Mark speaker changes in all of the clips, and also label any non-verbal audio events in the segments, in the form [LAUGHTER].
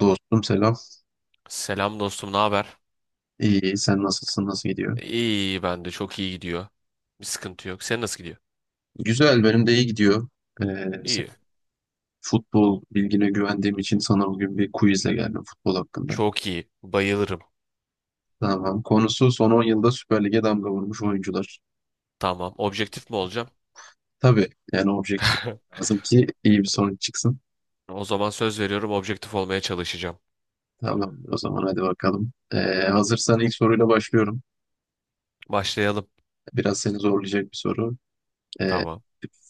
Speaker 1: Dostum selam.
Speaker 2: Selam dostum, ne haber?
Speaker 1: İyi, sen nasılsın? Nasıl gidiyor?
Speaker 2: İyi, ben de çok iyi gidiyor. Bir sıkıntı yok. Sen nasıl gidiyor?
Speaker 1: Güzel, benim de iyi gidiyor. Ee, sen-
Speaker 2: İyi.
Speaker 1: Futbol bilgine güvendiğim için sana bugün bir quizle geldim futbol hakkında.
Speaker 2: Çok iyi. Bayılırım.
Speaker 1: Tamam. Konusu son 10 yılda Süper Lig'e damga vurmuş oyuncular.
Speaker 2: Tamam. Objektif mi olacağım?
Speaker 1: Tabii yani objektif olmak lazım ki iyi bir sonuç çıksın.
Speaker 2: O zaman söz veriyorum objektif olmaya çalışacağım.
Speaker 1: Tamam o zaman hadi bakalım. Hazırsan ilk soruyla başlıyorum.
Speaker 2: Başlayalım.
Speaker 1: Biraz seni zorlayacak bir soru. Ee,
Speaker 2: Tamam.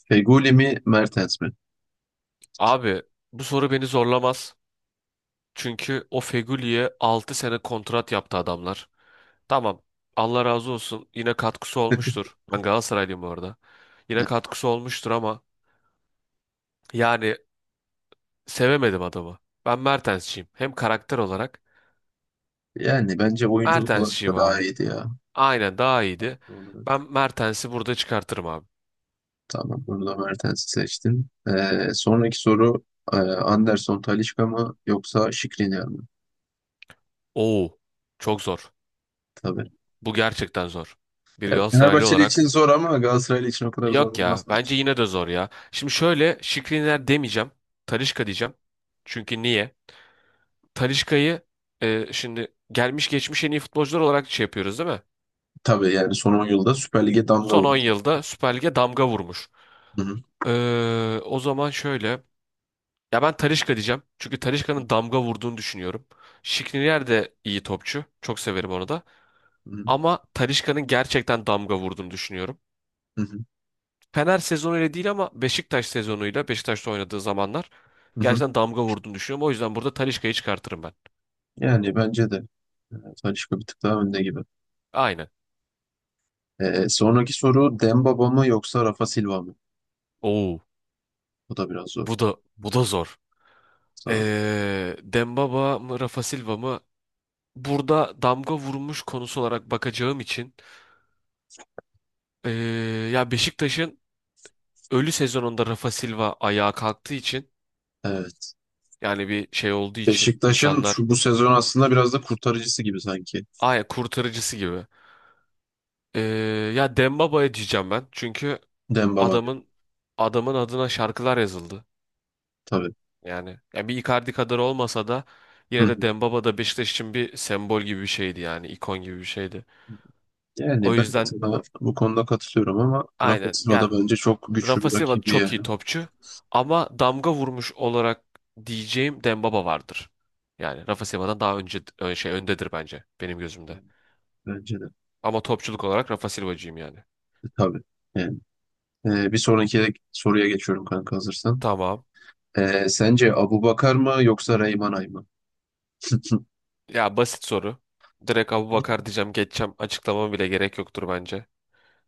Speaker 1: Feguli mi Mertens mi?
Speaker 2: Abi bu soru beni zorlamaz. Çünkü o Fegüli'ye 6 sene kontrat yaptı adamlar. Tamam. Allah razı olsun. Yine katkısı olmuştur. Ben Galatasaraylıyım bu arada. Yine
Speaker 1: [LAUGHS]
Speaker 2: katkısı olmuştur ama yani sevemedim adamı. Ben Mertensçiyim. Hem karakter olarak
Speaker 1: Yani bence oyunculuk olarak
Speaker 2: Mertens'çiyim
Speaker 1: da
Speaker 2: abi.
Speaker 1: daha iyiydi ya.
Speaker 2: Aynen daha iyiydi.
Speaker 1: Doğal olarak.
Speaker 2: Ben Mertens'i burada çıkartırım abi.
Speaker 1: Tamam bunu da Mertens'i seçtin. Sonraki soru Anderson Talisca mı yoksa Skriniar mı?
Speaker 2: Oo, çok zor.
Speaker 1: Tabii.
Speaker 2: Bu gerçekten zor. Bir
Speaker 1: Ya,
Speaker 2: Galatasaraylı
Speaker 1: Fenerbahçeli
Speaker 2: olarak.
Speaker 1: için zor ama Galatasaraylı için o kadar zor
Speaker 2: Yok
Speaker 1: olmaz
Speaker 2: ya
Speaker 1: bence.
Speaker 2: bence yine de zor ya. Şimdi şöyle Şikriner demeyeceğim. Talisca diyeceğim. Çünkü niye? Talisca'yı şimdi gelmiş geçmiş en iyi futbolcular olarak şey yapıyoruz değil mi?
Speaker 1: Tabii yani son 10 yılda Süper Lig'e damga
Speaker 2: Son 10
Speaker 1: vurdu.
Speaker 2: yılda Süper Lig'e damga vurmuş.
Speaker 1: Hı hı,
Speaker 2: O zaman şöyle. Ya ben Talisca diyeceğim. Çünkü Talisca'nın damga vurduğunu düşünüyorum. Skriniar de iyi topçu. Çok severim onu da.
Speaker 1: hı hı,
Speaker 2: Ama Talisca'nın gerçekten damga vurduğunu düşünüyorum.
Speaker 1: hı hı,
Speaker 2: Fener sezonu ile değil ama Beşiktaş sezonuyla Beşiktaş'ta oynadığı zamanlar
Speaker 1: hı hı.
Speaker 2: gerçekten damga vurduğunu düşünüyorum. O yüzden burada Talisca'yı çıkartırım ben.
Speaker 1: Yani bence de e, Talisca bir tık daha önde gibi.
Speaker 2: Aynen.
Speaker 1: Sonraki soru Dembaba mı yoksa Rafa Silva mı?
Speaker 2: Oo,
Speaker 1: Bu da biraz zor.
Speaker 2: bu da zor.
Speaker 1: Zor.
Speaker 2: Dembaba mı Rafa Silva mı? Burada damga vurmuş konusu olarak bakacağım için ee, ya Beşiktaş'ın ölü sezonunda Rafa Silva ayağa kalktığı için.
Speaker 1: Evet.
Speaker 2: Yani bir şey olduğu için
Speaker 1: Beşiktaş'ın
Speaker 2: insanlar
Speaker 1: şu bu sezon aslında biraz da kurtarıcısı gibi sanki.
Speaker 2: aya kurtarıcısı gibi. Ee, Ya Dembaba'ya diyeceğim ben. Çünkü
Speaker 1: Dembaba diyor.
Speaker 2: adamın adamın adına şarkılar yazıldı.
Speaker 1: Tabii.
Speaker 2: Yani ya bir Icardi kadar olmasa da
Speaker 1: Hı
Speaker 2: yine
Speaker 1: hı.
Speaker 2: de Dembaba da Beşiktaş için bir sembol gibi bir şeydi yani ikon gibi bir şeydi. O
Speaker 1: Yani ben
Speaker 2: yüzden
Speaker 1: sana bu konuda katılıyorum ama Rafa
Speaker 2: aynen
Speaker 1: Silva da
Speaker 2: yani
Speaker 1: bence çok güçlü
Speaker 2: Rafa
Speaker 1: bir
Speaker 2: Silva
Speaker 1: rakibi
Speaker 2: çok iyi
Speaker 1: yani.
Speaker 2: topçu ama damga vurmuş olarak diyeceğim Dembaba vardır. Yani Rafa Silva'dan daha önce şey öndedir bence benim gözümde.
Speaker 1: Yani bence de.
Speaker 2: Ama topçuluk olarak Rafa Silva'cıyım yani.
Speaker 1: Tabii. Yani. Bir sonraki soruya geçiyorum kanka, hazırsan.
Speaker 2: Tamam.
Speaker 1: Sence Abubakar mı yoksa Reyman Ay mı?
Speaker 2: Ya basit soru. Direkt Abubakar diyeceğim geçeceğim. Açıklamam bile gerek yoktur bence.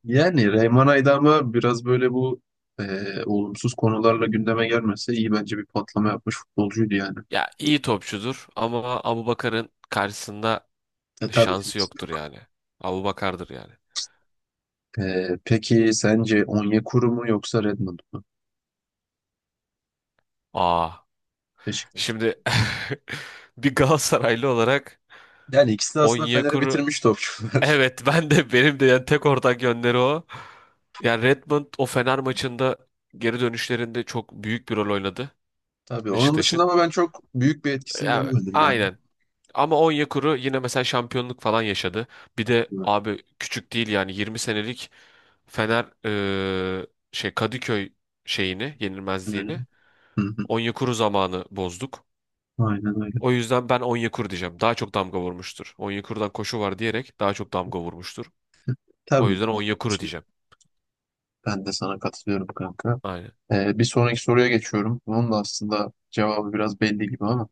Speaker 1: Yani Reyhan Aydam'a biraz böyle bu olumsuz konularla gündeme gelmese iyi, bence bir patlama yapmış futbolcuydu yani.
Speaker 2: Ya iyi topçudur ama Abubakar'ın karşısında
Speaker 1: Tabii.
Speaker 2: şansı yoktur yani. Abubakar'dır yani.
Speaker 1: Peki sence Onyekuru mu yoksa Redmond mu?
Speaker 2: Aa.
Speaker 1: Beşiktaş.
Speaker 2: Şimdi [LAUGHS] bir Galatasaraylı olarak
Speaker 1: Yani ikisi de aslında Fener'e
Speaker 2: Onyekuru
Speaker 1: bitirmiş topçular.
Speaker 2: evet ben de benim de yani tek ortak yönleri o. Yani Redmond o Fener maçında geri dönüşlerinde çok büyük bir rol oynadı
Speaker 1: [LAUGHS] Tabii. Onun dışında
Speaker 2: Beşiktaş'ın.
Speaker 1: ama ben çok büyük bir etkisini
Speaker 2: Ya,
Speaker 1: göremedim yani.
Speaker 2: aynen. Ama Onyekuru yine mesela şampiyonluk falan yaşadı. Bir de
Speaker 1: Evet.
Speaker 2: abi küçük değil yani 20 senelik Fener şey Kadıköy şeyini, yenilmezliğini
Speaker 1: Aynen. Hı hı.
Speaker 2: Onyekuru zamanı bozduk.
Speaker 1: Aynen öyle.
Speaker 2: O yüzden ben Onyekuru diyeceğim. Daha çok damga vurmuştur. Onyekuru'dan koşu var diyerek daha çok damga vurmuştur. O
Speaker 1: Tabii.
Speaker 2: yüzden Onyekuru diyeceğim.
Speaker 1: Ben de sana katılıyorum kanka.
Speaker 2: Aynen.
Speaker 1: Bir sonraki soruya geçiyorum. Onun da aslında cevabı biraz belli gibi ama.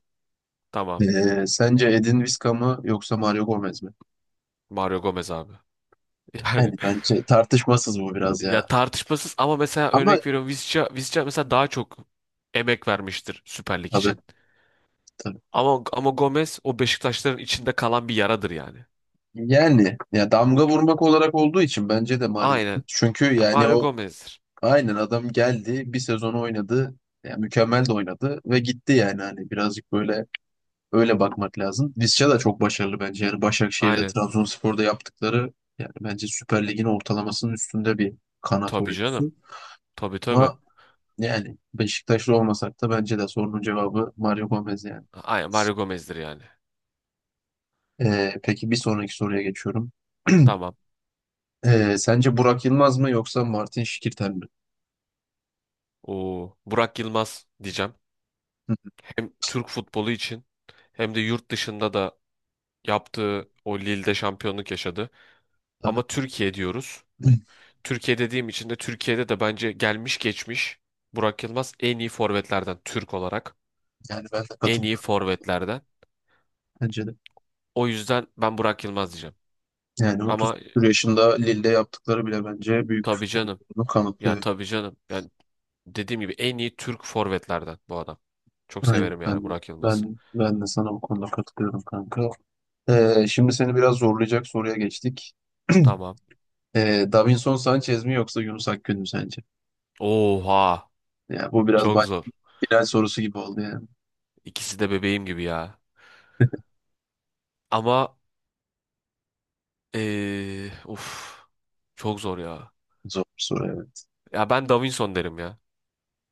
Speaker 2: Tamam.
Speaker 1: Sence Edin Visca mı yoksa Mario Gomez mi?
Speaker 2: Mario Gomez abi. [LAUGHS] Yani
Speaker 1: Yani bence tartışmasız bu biraz
Speaker 2: ya
Speaker 1: ya.
Speaker 2: tartışmasız ama mesela
Speaker 1: Ama
Speaker 2: örnek veriyorum Visca mesela daha çok emek vermiştir Süper Lig
Speaker 1: tabii
Speaker 2: için.
Speaker 1: tabii.
Speaker 2: Ama Gomez o Beşiktaşların içinde kalan bir yaradır yani.
Speaker 1: Yani ya damga vurmak olarak olduğu için bence de Mario Gomez.
Speaker 2: Aynen.
Speaker 1: Çünkü
Speaker 2: Ya
Speaker 1: yani
Speaker 2: Mario
Speaker 1: o
Speaker 2: Gomez'dir.
Speaker 1: aynen adam geldi, bir sezon oynadı. Yani mükemmel de oynadı ve gitti, yani hani birazcık böyle öyle bakmak lazım. Visca da çok başarılı bence. Yani Başakşehir'de,
Speaker 2: Aynen.
Speaker 1: Trabzonspor'da yaptıkları yani bence Süper Lig'in ortalamasının üstünde bir kanat
Speaker 2: Tabii canım.
Speaker 1: oyuncusu.
Speaker 2: Tabii.
Speaker 1: Ama yani Beşiktaşlı olmasak da bence de sorunun cevabı Mario Gomez yani.
Speaker 2: Aynen Mario Gomez'dir yani.
Speaker 1: Peki bir sonraki soruya geçiyorum. [CLEARS THROAT]
Speaker 2: Tamam.
Speaker 1: Sence Burak Yılmaz mı yoksa Martin Şikirten mi?
Speaker 2: O Burak Yılmaz diyeceğim.
Speaker 1: Hı,
Speaker 2: Hem Türk futbolu için hem de yurt dışında da yaptığı o Lille'de şampiyonluk yaşadı.
Speaker 1: tabii.
Speaker 2: Ama Türkiye diyoruz.
Speaker 1: [CLEARS THROAT]
Speaker 2: Türkiye dediğim için de Türkiye'de de bence gelmiş geçmiş Burak Yılmaz en iyi forvetlerden Türk olarak
Speaker 1: Yani ben de
Speaker 2: en iyi
Speaker 1: katılıyorum.
Speaker 2: forvetlerden.
Speaker 1: Bence de.
Speaker 2: O yüzden ben Burak Yılmaz diyeceğim.
Speaker 1: Yani 30
Speaker 2: Ama
Speaker 1: küsur yaşında Lille'de yaptıkları bile bence büyük bir
Speaker 2: tabii
Speaker 1: futbol
Speaker 2: canım.
Speaker 1: olduğunu
Speaker 2: Ya
Speaker 1: kanıtlıyor.
Speaker 2: tabii canım. Yani dediğim gibi en iyi Türk forvetlerden bu adam. Çok
Speaker 1: Aynen,
Speaker 2: severim yani
Speaker 1: ben,
Speaker 2: Burak Yılmaz'ı.
Speaker 1: ben, ben de sana bu konuda katılıyorum kanka. Şimdi seni biraz zorlayacak soruya geçtik. [CLEARS THROAT]
Speaker 2: Tamam.
Speaker 1: Davinson Sanchez mi yoksa Yunus Akgün mü sence?
Speaker 2: Oha.
Speaker 1: Ya bu biraz
Speaker 2: Çok zor.
Speaker 1: final sorusu gibi oldu yani.
Speaker 2: İkisi de bebeğim gibi ya. Ama uf. Çok zor ya.
Speaker 1: Zor soru, evet.
Speaker 2: Ya ben Davinson derim ya.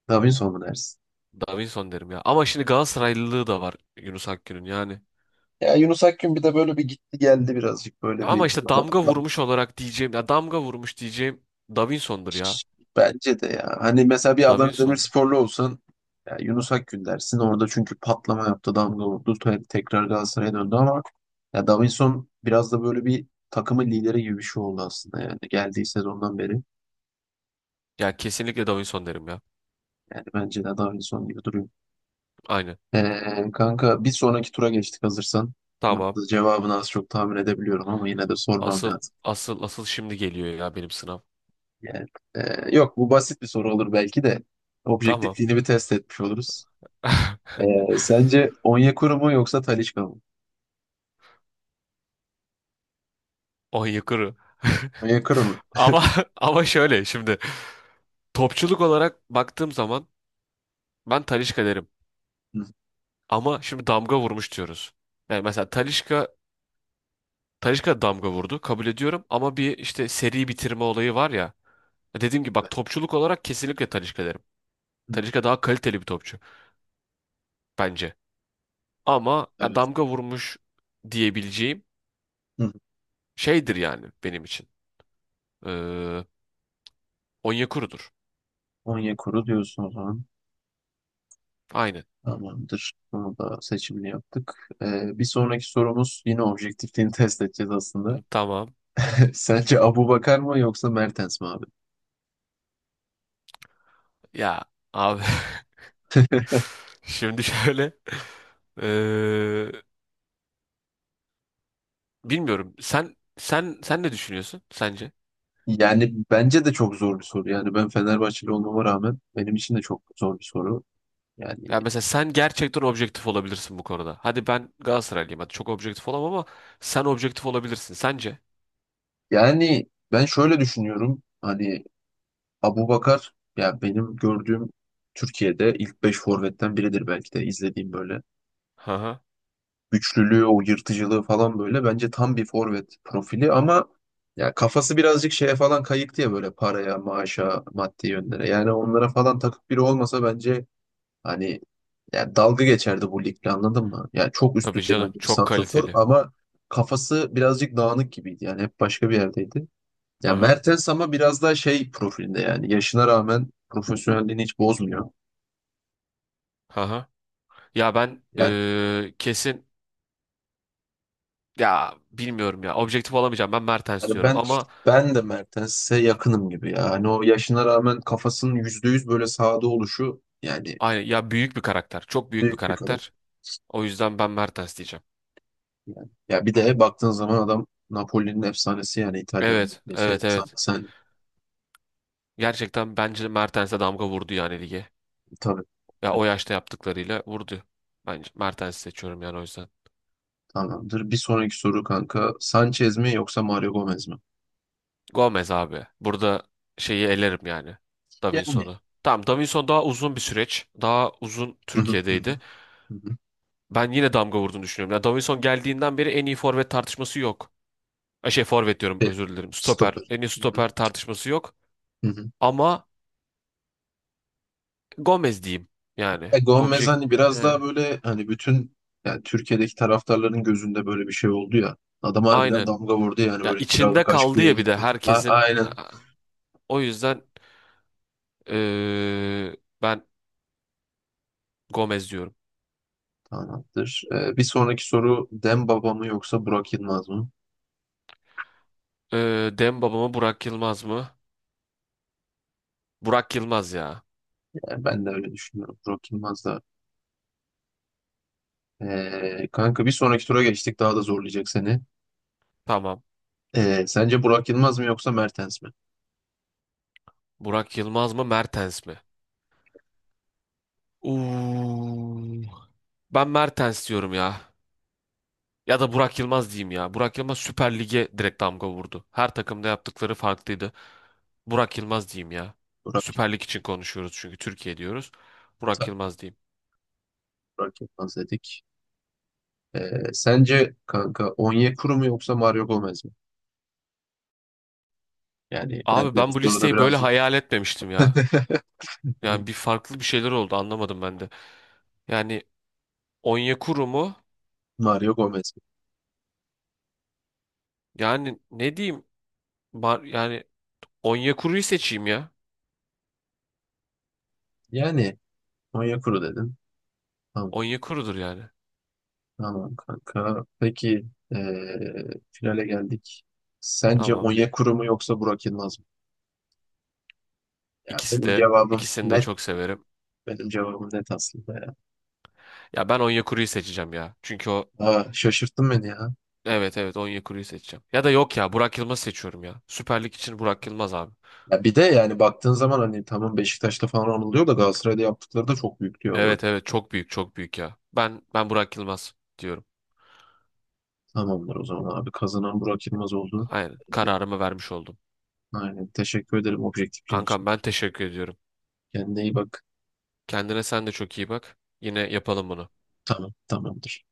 Speaker 1: Davinson mu dersin?
Speaker 2: Davinson derim ya. Ama şimdi Galatasaraylılığı da var Yunus Akgün'ün yani.
Speaker 1: Ya Yunus Akgün bir de böyle bir gitti geldi birazcık böyle
Speaker 2: Ama
Speaker 1: bir,
Speaker 2: işte damga vurmuş olarak diyeceğim. Ya damga vurmuş diyeceğim Davinson'dur ya.
Speaker 1: bence de ya. Hani mesela bir Adana
Speaker 2: Davinson'dur.
Speaker 1: Demirsporlu olsan ya Yunus Akgün dersin orada çünkü patlama yaptı, damga vurdu, tekrar Galatasaray'a döndü ama ya Davinson biraz da böyle bir takımın lideri gibi bir şey oldu aslında, yani geldiği sezondan beri.
Speaker 2: Ya kesinlikle Davinson derim ya.
Speaker 1: Yani bence de Davinson gibi duruyor.
Speaker 2: Aynen.
Speaker 1: Kanka bir sonraki tura geçtik, hazırsan. Bunun
Speaker 2: Tamam.
Speaker 1: da cevabını az çok tahmin edebiliyorum ama yine de sormam
Speaker 2: Asıl
Speaker 1: lazım.
Speaker 2: asıl şimdi geliyor ya benim sınav.
Speaker 1: Yani, yok, bu basit bir soru olur belki de.
Speaker 2: Tamam.
Speaker 1: Objektifliğini bir test etmiş oluruz.
Speaker 2: [LAUGHS]
Speaker 1: Sence Onyekuru mu yoksa Talisca mı?
Speaker 2: On yukarı.
Speaker 1: Onyekuru mu?
Speaker 2: Ama [LAUGHS] ama şöyle şimdi topçuluk olarak baktığım zaman ben Talisca derim.
Speaker 1: Hı,
Speaker 2: Ama şimdi damga vurmuş diyoruz. Yani mesela Talisca damga vurdu kabul ediyorum ama bir işte seri bitirme olayı var ya. Dediğim gibi bak topçuluk olarak kesinlikle Talisca derim.
Speaker 1: hı,
Speaker 2: Talisca daha kaliteli bir topçu bence. Ama ya
Speaker 1: evet.
Speaker 2: damga vurmuş diyebileceğim
Speaker 1: Hı.
Speaker 2: şeydir yani benim için. Ee, Onyekuru'dur.
Speaker 1: Onyekuru diyorsun o zaman.
Speaker 2: Aynen.
Speaker 1: Tamamdır. Bunu da seçimini yaptık. Bir sonraki sorumuz yine objektifliğini test edeceğiz aslında.
Speaker 2: Tamam.
Speaker 1: [LAUGHS] Sence Abubakar mı yoksa Mertens mi abi?
Speaker 2: Ya abi [LAUGHS] şimdi şöyle eee, bilmiyorum. Sen ne düşünüyorsun sence?
Speaker 1: Yani bence de çok zor bir soru. Yani ben Fenerbahçeli olmama rağmen benim için de çok zor bir soru. Yani
Speaker 2: Ya mesela sen gerçekten objektif olabilirsin bu konuda. Hadi ben Galatasaraylıyım. Hadi çok objektif olamam ama sen objektif olabilirsin sence?
Speaker 1: yani ben şöyle düşünüyorum. Hani Abubakar ya benim gördüğüm Türkiye'de ilk 5 forvetten biridir belki de, izlediğim böyle.
Speaker 2: Haha.
Speaker 1: Güçlülüğü, o yırtıcılığı falan böyle bence tam bir forvet profili ama ya kafası birazcık şeye falan kayıktı ya, böyle paraya, maaşa, maddi yönlere. Yani onlara falan takık biri olmasa bence, hani, ya dalga geçerdi bu ligle, anladın mı? Yani çok üst
Speaker 2: Tabii
Speaker 1: düzey
Speaker 2: canım
Speaker 1: bence bir
Speaker 2: çok
Speaker 1: santrofor
Speaker 2: kaliteli.
Speaker 1: ama kafası birazcık dağınık gibiydi. Yani hep başka bir yerdeydi. Ya
Speaker 2: Haha.
Speaker 1: Mertens ama biraz daha şey profilde, yani yaşına rağmen profesyonelliğini hiç bozmuyor.
Speaker 2: Haha. Ya ben
Speaker 1: Yani
Speaker 2: kesin ya bilmiyorum ya objektif olamayacağım. Ben Mertens
Speaker 1: hani
Speaker 2: diyorum
Speaker 1: ben
Speaker 2: ama
Speaker 1: ben de Mertens'e yakınım gibi ya. Hani o yaşına rağmen kafasının %100 böyle sahada oluşu yani,
Speaker 2: aynı ya büyük bir karakter. Çok büyük bir
Speaker 1: büyük bir
Speaker 2: karakter.
Speaker 1: karakter
Speaker 2: O yüzden ben Mertens diyeceğim.
Speaker 1: yani. Ya bir de baktığın zaman adam Napoli'nin efsanesi, yani
Speaker 2: Evet,
Speaker 1: İtalya'nın şey
Speaker 2: evet, evet.
Speaker 1: efsanesi hani,
Speaker 2: Gerçekten bence Mertens'e damga vurdu yani lige.
Speaker 1: tabii.
Speaker 2: Ya
Speaker 1: Evet,
Speaker 2: o yaşta yaptıklarıyla vurdu. Bence Mertens'i seçiyorum yani o yüzden.
Speaker 1: tamamdır. Bir sonraki soru kanka. Sanchez mi yoksa Mario Gomez mi?
Speaker 2: Gomez abi. Burada şeyi elerim yani.
Speaker 1: Yani.
Speaker 2: Davinson'u. Tamam Davinson daha uzun bir süreç. Daha uzun
Speaker 1: Hı hı, hı hı,
Speaker 2: Türkiye'deydi.
Speaker 1: hı hı.
Speaker 2: Ben yine damga vurduğunu düşünüyorum. Ya Davinson geldiğinden beri en iyi forvet tartışması yok. Şey forvet diyorum
Speaker 1: E,
Speaker 2: özür dilerim. Stoper.
Speaker 1: Stoper.
Speaker 2: En iyi
Speaker 1: Hı hı,
Speaker 2: stoper tartışması yok.
Speaker 1: hı hı.
Speaker 2: Ama Gomez diyeyim yani.
Speaker 1: Ya Gomez
Speaker 2: Objekt.
Speaker 1: hani biraz
Speaker 2: E,
Speaker 1: daha böyle hani bütün, yani Türkiye'deki taraftarların gözünde böyle bir şey oldu ya. Adam harbiden
Speaker 2: aynen.
Speaker 1: damga vurdu yani,
Speaker 2: Ya
Speaker 1: böyle
Speaker 2: içinde
Speaker 1: kiralık aşk
Speaker 2: kaldı
Speaker 1: diye
Speaker 2: ya bir de
Speaker 1: gitti.
Speaker 2: herkesin.
Speaker 1: Aynen.
Speaker 2: O yüzden eee, ben Gomez diyorum.
Speaker 1: Tamamdır. Bir sonraki soru Demba mı yoksa Burak Yılmaz mı?
Speaker 2: Demba mı Burak Yılmaz mı? Burak Yılmaz ya.
Speaker 1: Yani ben de öyle düşünüyorum. Burak Yılmaz da. Kanka bir sonraki tura geçtik. Daha da zorlayacak seni.
Speaker 2: Tamam.
Speaker 1: Sence Burak Yılmaz mı yoksa Mertens mi?
Speaker 2: Burak Yılmaz mı Mertens mi? Uuu. Ben Mertens diyorum ya. Ya da Burak Yılmaz diyeyim ya. Burak Yılmaz Süper Lig'e direkt damga vurdu. Her takımda yaptıkları farklıydı. Burak Yılmaz diyeyim ya.
Speaker 1: Burak,
Speaker 2: Süper Lig için konuşuyoruz çünkü Türkiye diyoruz. Burak
Speaker 1: tabii
Speaker 2: Yılmaz diyeyim.
Speaker 1: Burak Yılmaz dedik. Sence kanka Onyekuru mu yoksa Mario Gomez mi? Yani ben
Speaker 2: Abi
Speaker 1: de bu
Speaker 2: ben bu
Speaker 1: soruda
Speaker 2: listeyi böyle
Speaker 1: birazcık
Speaker 2: hayal etmemiştim ya.
Speaker 1: [LAUGHS]
Speaker 2: Yani bir farklı bir şeyler oldu anlamadım ben de. Yani Onyekuru mu?
Speaker 1: Mario Gomez.
Speaker 2: Yani ne diyeyim? Yani Onyekuru'yu seçeyim ya.
Speaker 1: Yani Onyekuru dedim. Tamam,
Speaker 2: Onyekuru'dur yani.
Speaker 1: tamam kanka. Peki finale geldik. Sence
Speaker 2: Tamam.
Speaker 1: Onyekuru mu yoksa Burak Yılmaz mı? Ya
Speaker 2: İkisi
Speaker 1: benim
Speaker 2: de
Speaker 1: cevabım
Speaker 2: ikisini de
Speaker 1: net.
Speaker 2: çok severim.
Speaker 1: Benim cevabım net aslında ya.
Speaker 2: Ya ben Onyekuru'yu seçeceğim ya. Çünkü o
Speaker 1: Aa, şaşırttın beni ya.
Speaker 2: evet evet Onyekuru'yu seçeceğim. Ya da yok ya Burak Yılmaz'ı seçiyorum ya. Süper Lig için Burak Yılmaz abi.
Speaker 1: Ya bir de yani baktığın zaman hani, tamam Beşiktaş'ta falan anılıyor da Galatasaray'da yaptıkları da çok büyük diyor Burak.
Speaker 2: Evet evet çok büyük çok büyük ya. Ben Burak Yılmaz diyorum.
Speaker 1: Tamamdır o zaman abi. Kazanan Burak Yılmaz oldu.
Speaker 2: Aynen kararımı vermiş oldum.
Speaker 1: Aynen. Teşekkür ederim objektifliğin için.
Speaker 2: Kankam ben teşekkür ediyorum.
Speaker 1: Kendine iyi bak.
Speaker 2: Kendine sen de çok iyi bak. Yine yapalım bunu.
Speaker 1: Tamam, tamamdır.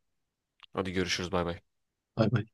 Speaker 2: Hadi görüşürüz bay bay.
Speaker 1: Bay bay.